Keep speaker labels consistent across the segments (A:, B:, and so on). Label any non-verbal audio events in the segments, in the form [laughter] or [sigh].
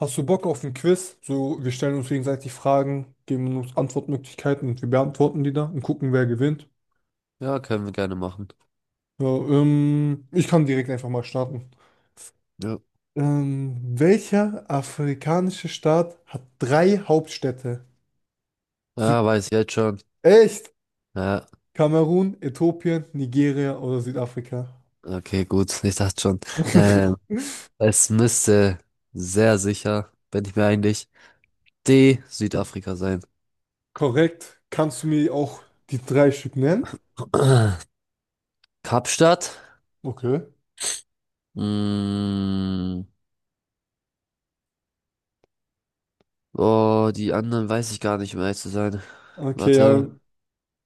A: Hast du Bock auf ein Quiz? So, wir stellen uns gegenseitig Fragen, geben uns Antwortmöglichkeiten und wir beantworten die dann und gucken, wer gewinnt.
B: Ja, können wir gerne machen.
A: Ja, ich kann direkt einfach mal starten.
B: Ja.
A: Welcher afrikanische Staat hat drei Hauptstädte? Süd.
B: Ja, weiß ich jetzt schon.
A: Echt?
B: Ja,
A: Kamerun, Äthiopien, Nigeria oder Südafrika?
B: okay, gut. [laughs] Ich dachte schon. Ähm,
A: [laughs]
B: Es müsste, sehr sicher bin ich mir eigentlich, D, Südafrika sein.
A: Korrekt. Kannst du mir auch die drei Stück nennen?
B: [clears throat] Kapstadt?
A: Okay.
B: Mm, oh, die anderen weiß ich gar nicht, um ehrlich zu sein.
A: Okay, ja.
B: Warte.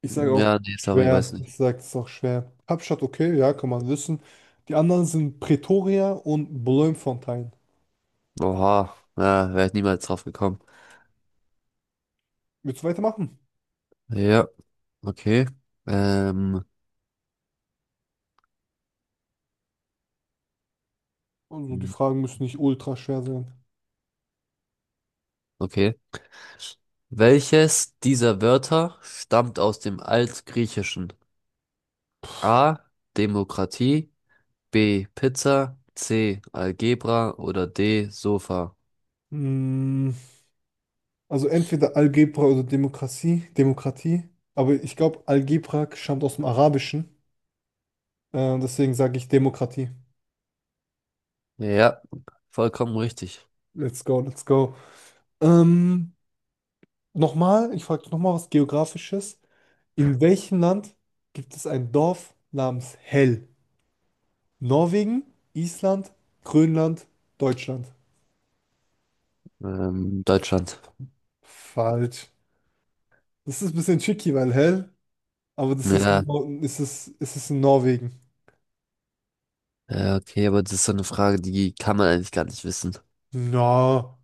A: Ich sage auch
B: Ja, nee, sorry, weiß
A: schwer.
B: nicht.
A: Ich sage, es ist auch schwer. Kapstadt, okay, ja, kann man wissen. Die anderen sind Pretoria und Bloemfontein.
B: Oha, ja, wäre ich niemals drauf gekommen.
A: Willst du weitermachen?
B: Ja, okay. Ähm,
A: Also die Fragen müssen nicht ultra schwer sein.
B: okay. Welches dieser Wörter stammt aus dem Altgriechischen? A. Demokratie, B. Pizza, C. Algebra oder D. Sofa?
A: Mm, also entweder Algebra oder Demokratie. Demokratie. Aber ich glaube, Algebra stammt aus dem Arabischen. Deswegen sage ich Demokratie.
B: Ja, vollkommen richtig.
A: Let's go, let's go. Ähm, nochmal, ich frage nochmal was Geografisches. In welchem Land gibt es ein Dorf namens Hell? Norwegen, Island, Grönland, Deutschland.
B: Deutschland.
A: Falsch. Das ist ein bisschen tricky, weil hell, aber das ist, in
B: Ja,
A: Ist es in Norwegen.
B: ja, okay, aber das ist so eine Frage, die kann man eigentlich gar nicht wissen.
A: Na,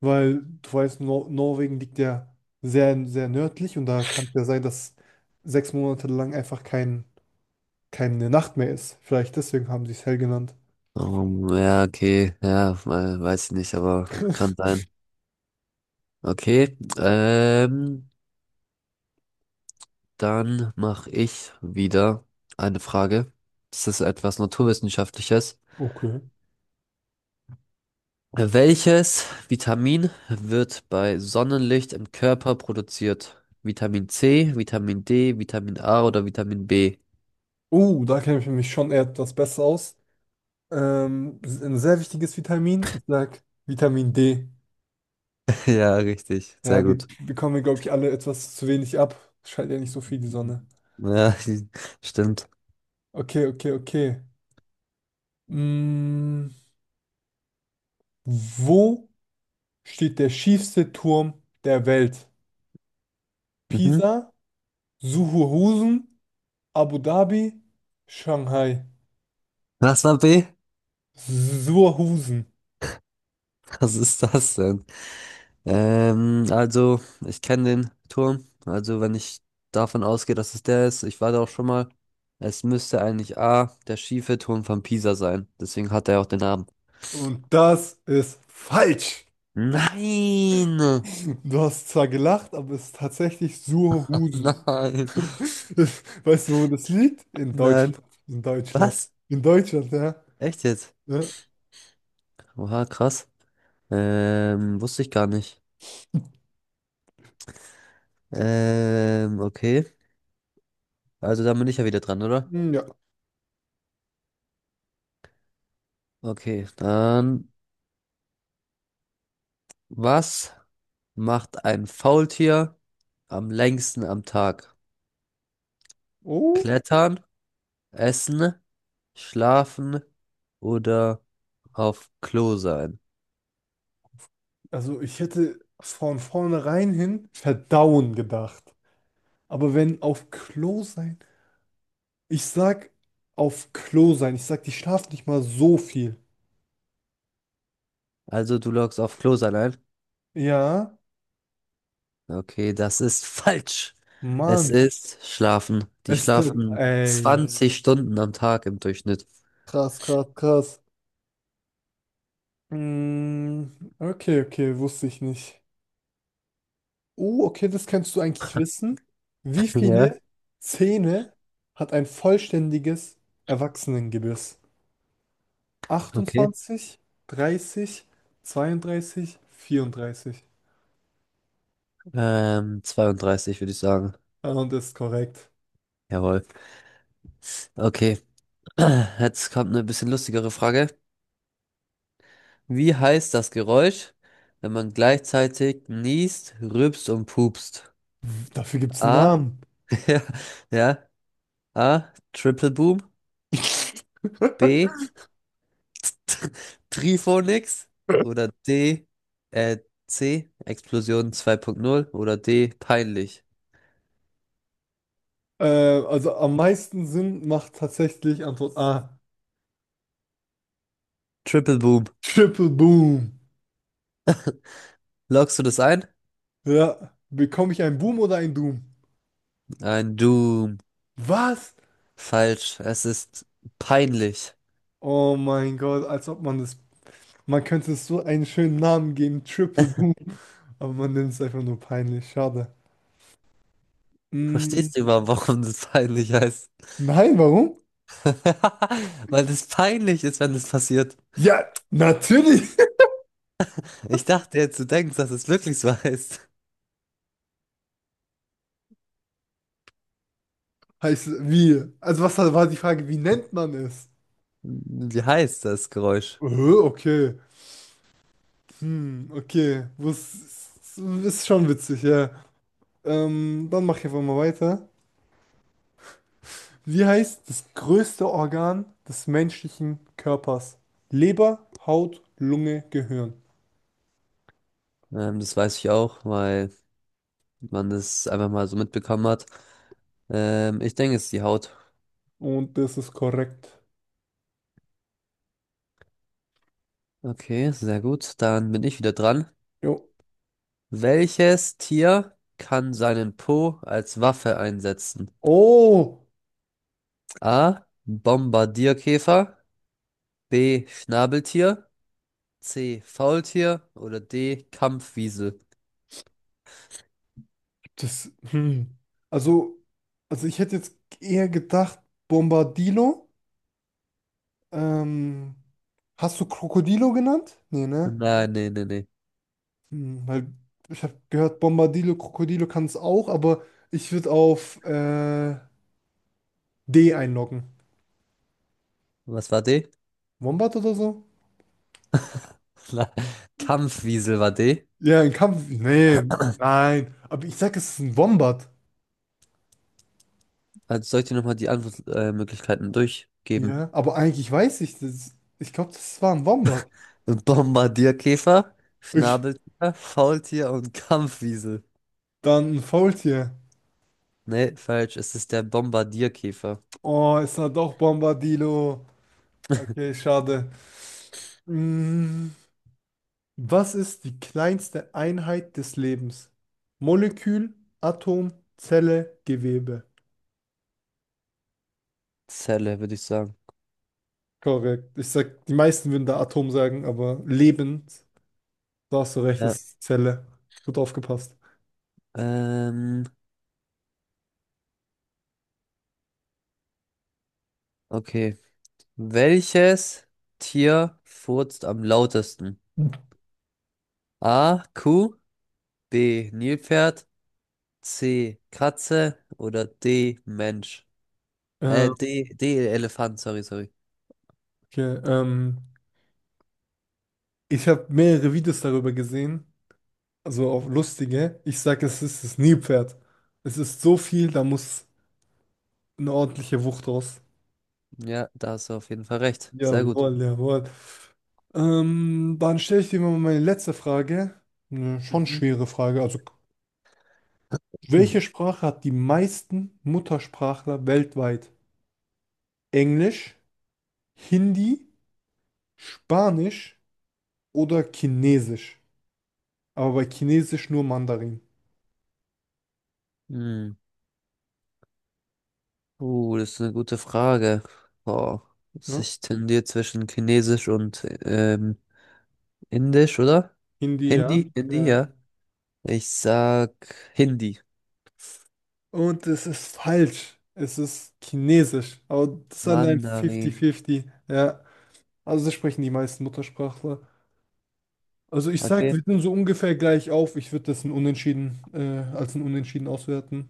A: weil du weißt, Nor Norwegen liegt ja sehr, sehr nördlich und da kann es ja sein, dass 6 Monate lang einfach keine Nacht mehr ist. Vielleicht deswegen haben sie es hell genannt.
B: Ja, okay, ja, weiß ich nicht, aber kann
A: [laughs]
B: sein. Okay. Dann mache ich wieder eine Frage. Das ist etwas Naturwissenschaftliches.
A: Okay.
B: Welches Vitamin wird bei Sonnenlicht im Körper produziert? Vitamin C, Vitamin D, Vitamin A oder Vitamin B?
A: Oh, da kenne ich mich schon etwas besser aus. Ein sehr wichtiges Vitamin, ich sag Vitamin D.
B: [laughs] Ja, richtig. Sehr
A: Ja,
B: gut.
A: wir, glaube ich, alle etwas zu wenig ab. Scheint ja nicht so viel die
B: Mhm.
A: Sonne.
B: Ja, [laughs] stimmt.
A: Okay, okay, okay. Mm, wo steht der schiefste Turm der Welt?
B: Mhm.
A: Pisa, Suhuhusen, Abu Dhabi, Shanghai.
B: Was war B?
A: Suhuhusen.
B: Was ist das denn? Also, ich kenne den Turm. Also, wenn ich davon ausgehe, dass es der ist, ich war da auch schon mal. Es müsste eigentlich A, der schiefe Turm von Pisa sein. Deswegen hat er auch den Namen.
A: Und das ist falsch.
B: Nein!
A: Du hast zwar gelacht, aber es ist tatsächlich
B: [laughs]
A: Suhuhusen.
B: Nein!
A: [laughs] Das- Weißt du, wo das liegt? In
B: Nein!
A: Deutschland. In Deutschland.
B: Was?
A: In Deutschland, ja.
B: Echt jetzt?
A: Ja.
B: Oha, krass. Wusste ich gar nicht. Okay. Also, da bin ich ja wieder dran, oder?
A: Hm, ja.
B: Okay, dann, was macht ein Faultier am längsten am Tag?
A: Oh,
B: Klettern, essen, schlafen oder auf Klo sein?
A: also ich hätte von vornherein hin verdauen gedacht. Aber wenn auf Klo sein, ich sag auf Klo sein, ich sag, die schlafen nicht mal so viel.
B: Also du loggst auf Klo sein ein.
A: Ja,
B: Okay, das ist [laughs] falsch. Es
A: Mann,
B: ist schlafen. Die
A: es dann,
B: schlafen
A: ey,
B: 20 Stunden am Tag im Durchschnitt.
A: krass, krass, krass. Mm, okay, okay, wusste ich nicht. Oh, okay, das kannst du eigentlich wissen. Wie
B: Ja.
A: viele Zähne hat ein vollständiges Erwachsenengebiss?
B: Okay.
A: 28, 30, 32, 34.
B: 32 würde ich sagen.
A: Und ist korrekt.
B: Jawohl. Okay. [clears throat] Jetzt kommt eine bisschen lustigere Frage. Wie heißt das Geräusch, wenn man gleichzeitig niest, rülpst und pupst?
A: Dafür gibt es einen
B: A.
A: Namen.
B: Ja, ja. A. Triple Boom.
A: [laughs]
B: B. [laughs] Triphonix. Oder D. Äh, C. Explosion zwei Punkt null. Oder D. Peinlich.
A: Also am meisten Sinn macht tatsächlich Antwort A.
B: Triple Boom.
A: Triple Boom.
B: Loggst du das ein?
A: Ja. Bekomme ich einen Boom oder einen Doom?
B: Ein Doom.
A: Was?
B: Falsch. Es ist peinlich.
A: Oh mein Gott, als ob man das. Man könnte es so einen schönen Namen geben, Triple Boom. Aber man nennt es einfach nur peinlich. Schade. Mm,
B: Verstehst du überhaupt, warum das peinlich heißt?
A: nein, warum?
B: [laughs] Weil es peinlich ist, wenn es passiert.
A: Ja, natürlich.
B: Ich dachte jetzt, du denkst, dass es wirklich so [laughs] heißt.
A: Heißt, wie? Also was war die Frage, wie nennt man es?
B: Wie heißt das Geräusch?
A: Äh, okay. Hm, okay, was ist schon witzig, ja. Dann mach ich einfach mal weiter. Wie heißt das größte Organ des menschlichen Körpers? Leber, Haut, Lunge, Gehirn.
B: Das weiß ich auch, weil man das einfach mal so mitbekommen hat. Ich denke, es ist die Haut.
A: Und das ist korrekt.
B: Okay, sehr gut. Dann bin ich wieder dran.
A: Jo.
B: Welches Tier kann seinen Po als Waffe einsetzen?
A: Oh,
B: A. Bombardierkäfer. B. Schnabeltier. C. Faultier. Oder D. Kampfwiesel.
A: das. Hm. Also, also ich hätte jetzt eher gedacht, Bombardilo. Ähm, hast du Krokodilo genannt? Nee, ne?
B: Nein, nee, nee, nee.
A: Hm, weil ich habe gehört, Bombadillo, Krokodilo kann es auch, aber ich würde auf D einloggen.
B: Was war D?
A: Wombat oder so?
B: [laughs] Kampfwiesel war D.
A: Ja, ein Kampf. Nee, nein. Aber ich sag, es ist ein Wombat.
B: Also soll ich dir nochmal die Antwortmöglichkeiten durchgeben?
A: Ja, aber eigentlich weiß ich das. Ich glaube, das war ein Wombat.
B: Bombardierkäfer,
A: Okay.
B: Schnabeltier, Faultier und Kampfwiesel.
A: Dann ein Faultier.
B: Nee, falsch. Es ist der Bombardierkäfer.
A: Oh, ist da doch Bombadillo. Okay, schade. Hm, was ist die kleinste Einheit des Lebens? Molekül, Atom, Zelle, Gewebe.
B: Zelle, würde ich sagen.
A: Korrekt. Ich sag, die meisten würden da Atom sagen, aber lebend, da hast du recht, das
B: Ja.
A: ist Zelle. Gut aufgepasst.
B: Ähm, okay. Welches Tier furzt am lautesten? A. Kuh, B. Nilpferd, C. Katze oder D. Mensch?
A: Äh,
B: D. Elefant, sorry, sorry.
A: okay, ich habe mehrere Videos darüber gesehen, also auch lustige. Ich sag, es ist das Nilpferd. Es ist so viel, da muss eine ordentliche Wucht raus.
B: Ja, da hast du auf jeden Fall recht. Sehr gut.
A: Jawohl, jawohl. Dann stelle ich dir mal meine letzte Frage. Eine schon
B: Mhm.
A: schwere Frage. Also,
B: Hm.
A: welche Sprache hat die meisten Muttersprachler weltweit? Englisch? Hindi, Spanisch oder Chinesisch. Aber bei Chinesisch nur Mandarin.
B: Hm. Das ist eine gute Frage. Oh,
A: Ne?
B: ich tendiere zwischen Chinesisch und Indisch, oder?
A: Hindi, ja.
B: Hindi, Hindi,
A: Ja.
B: ja. Ich sag Hindi,
A: Und es ist falsch. Es ist Chinesisch. Aber das ist dann ein
B: Mandarin.
A: 50-50. Ja. Also das sprechen die meisten Muttersprachler. Also ich sag,
B: Okay.
A: wir sind so ungefähr gleich auf. Ich würde das ein Unentschieden, als ein Unentschieden auswerten.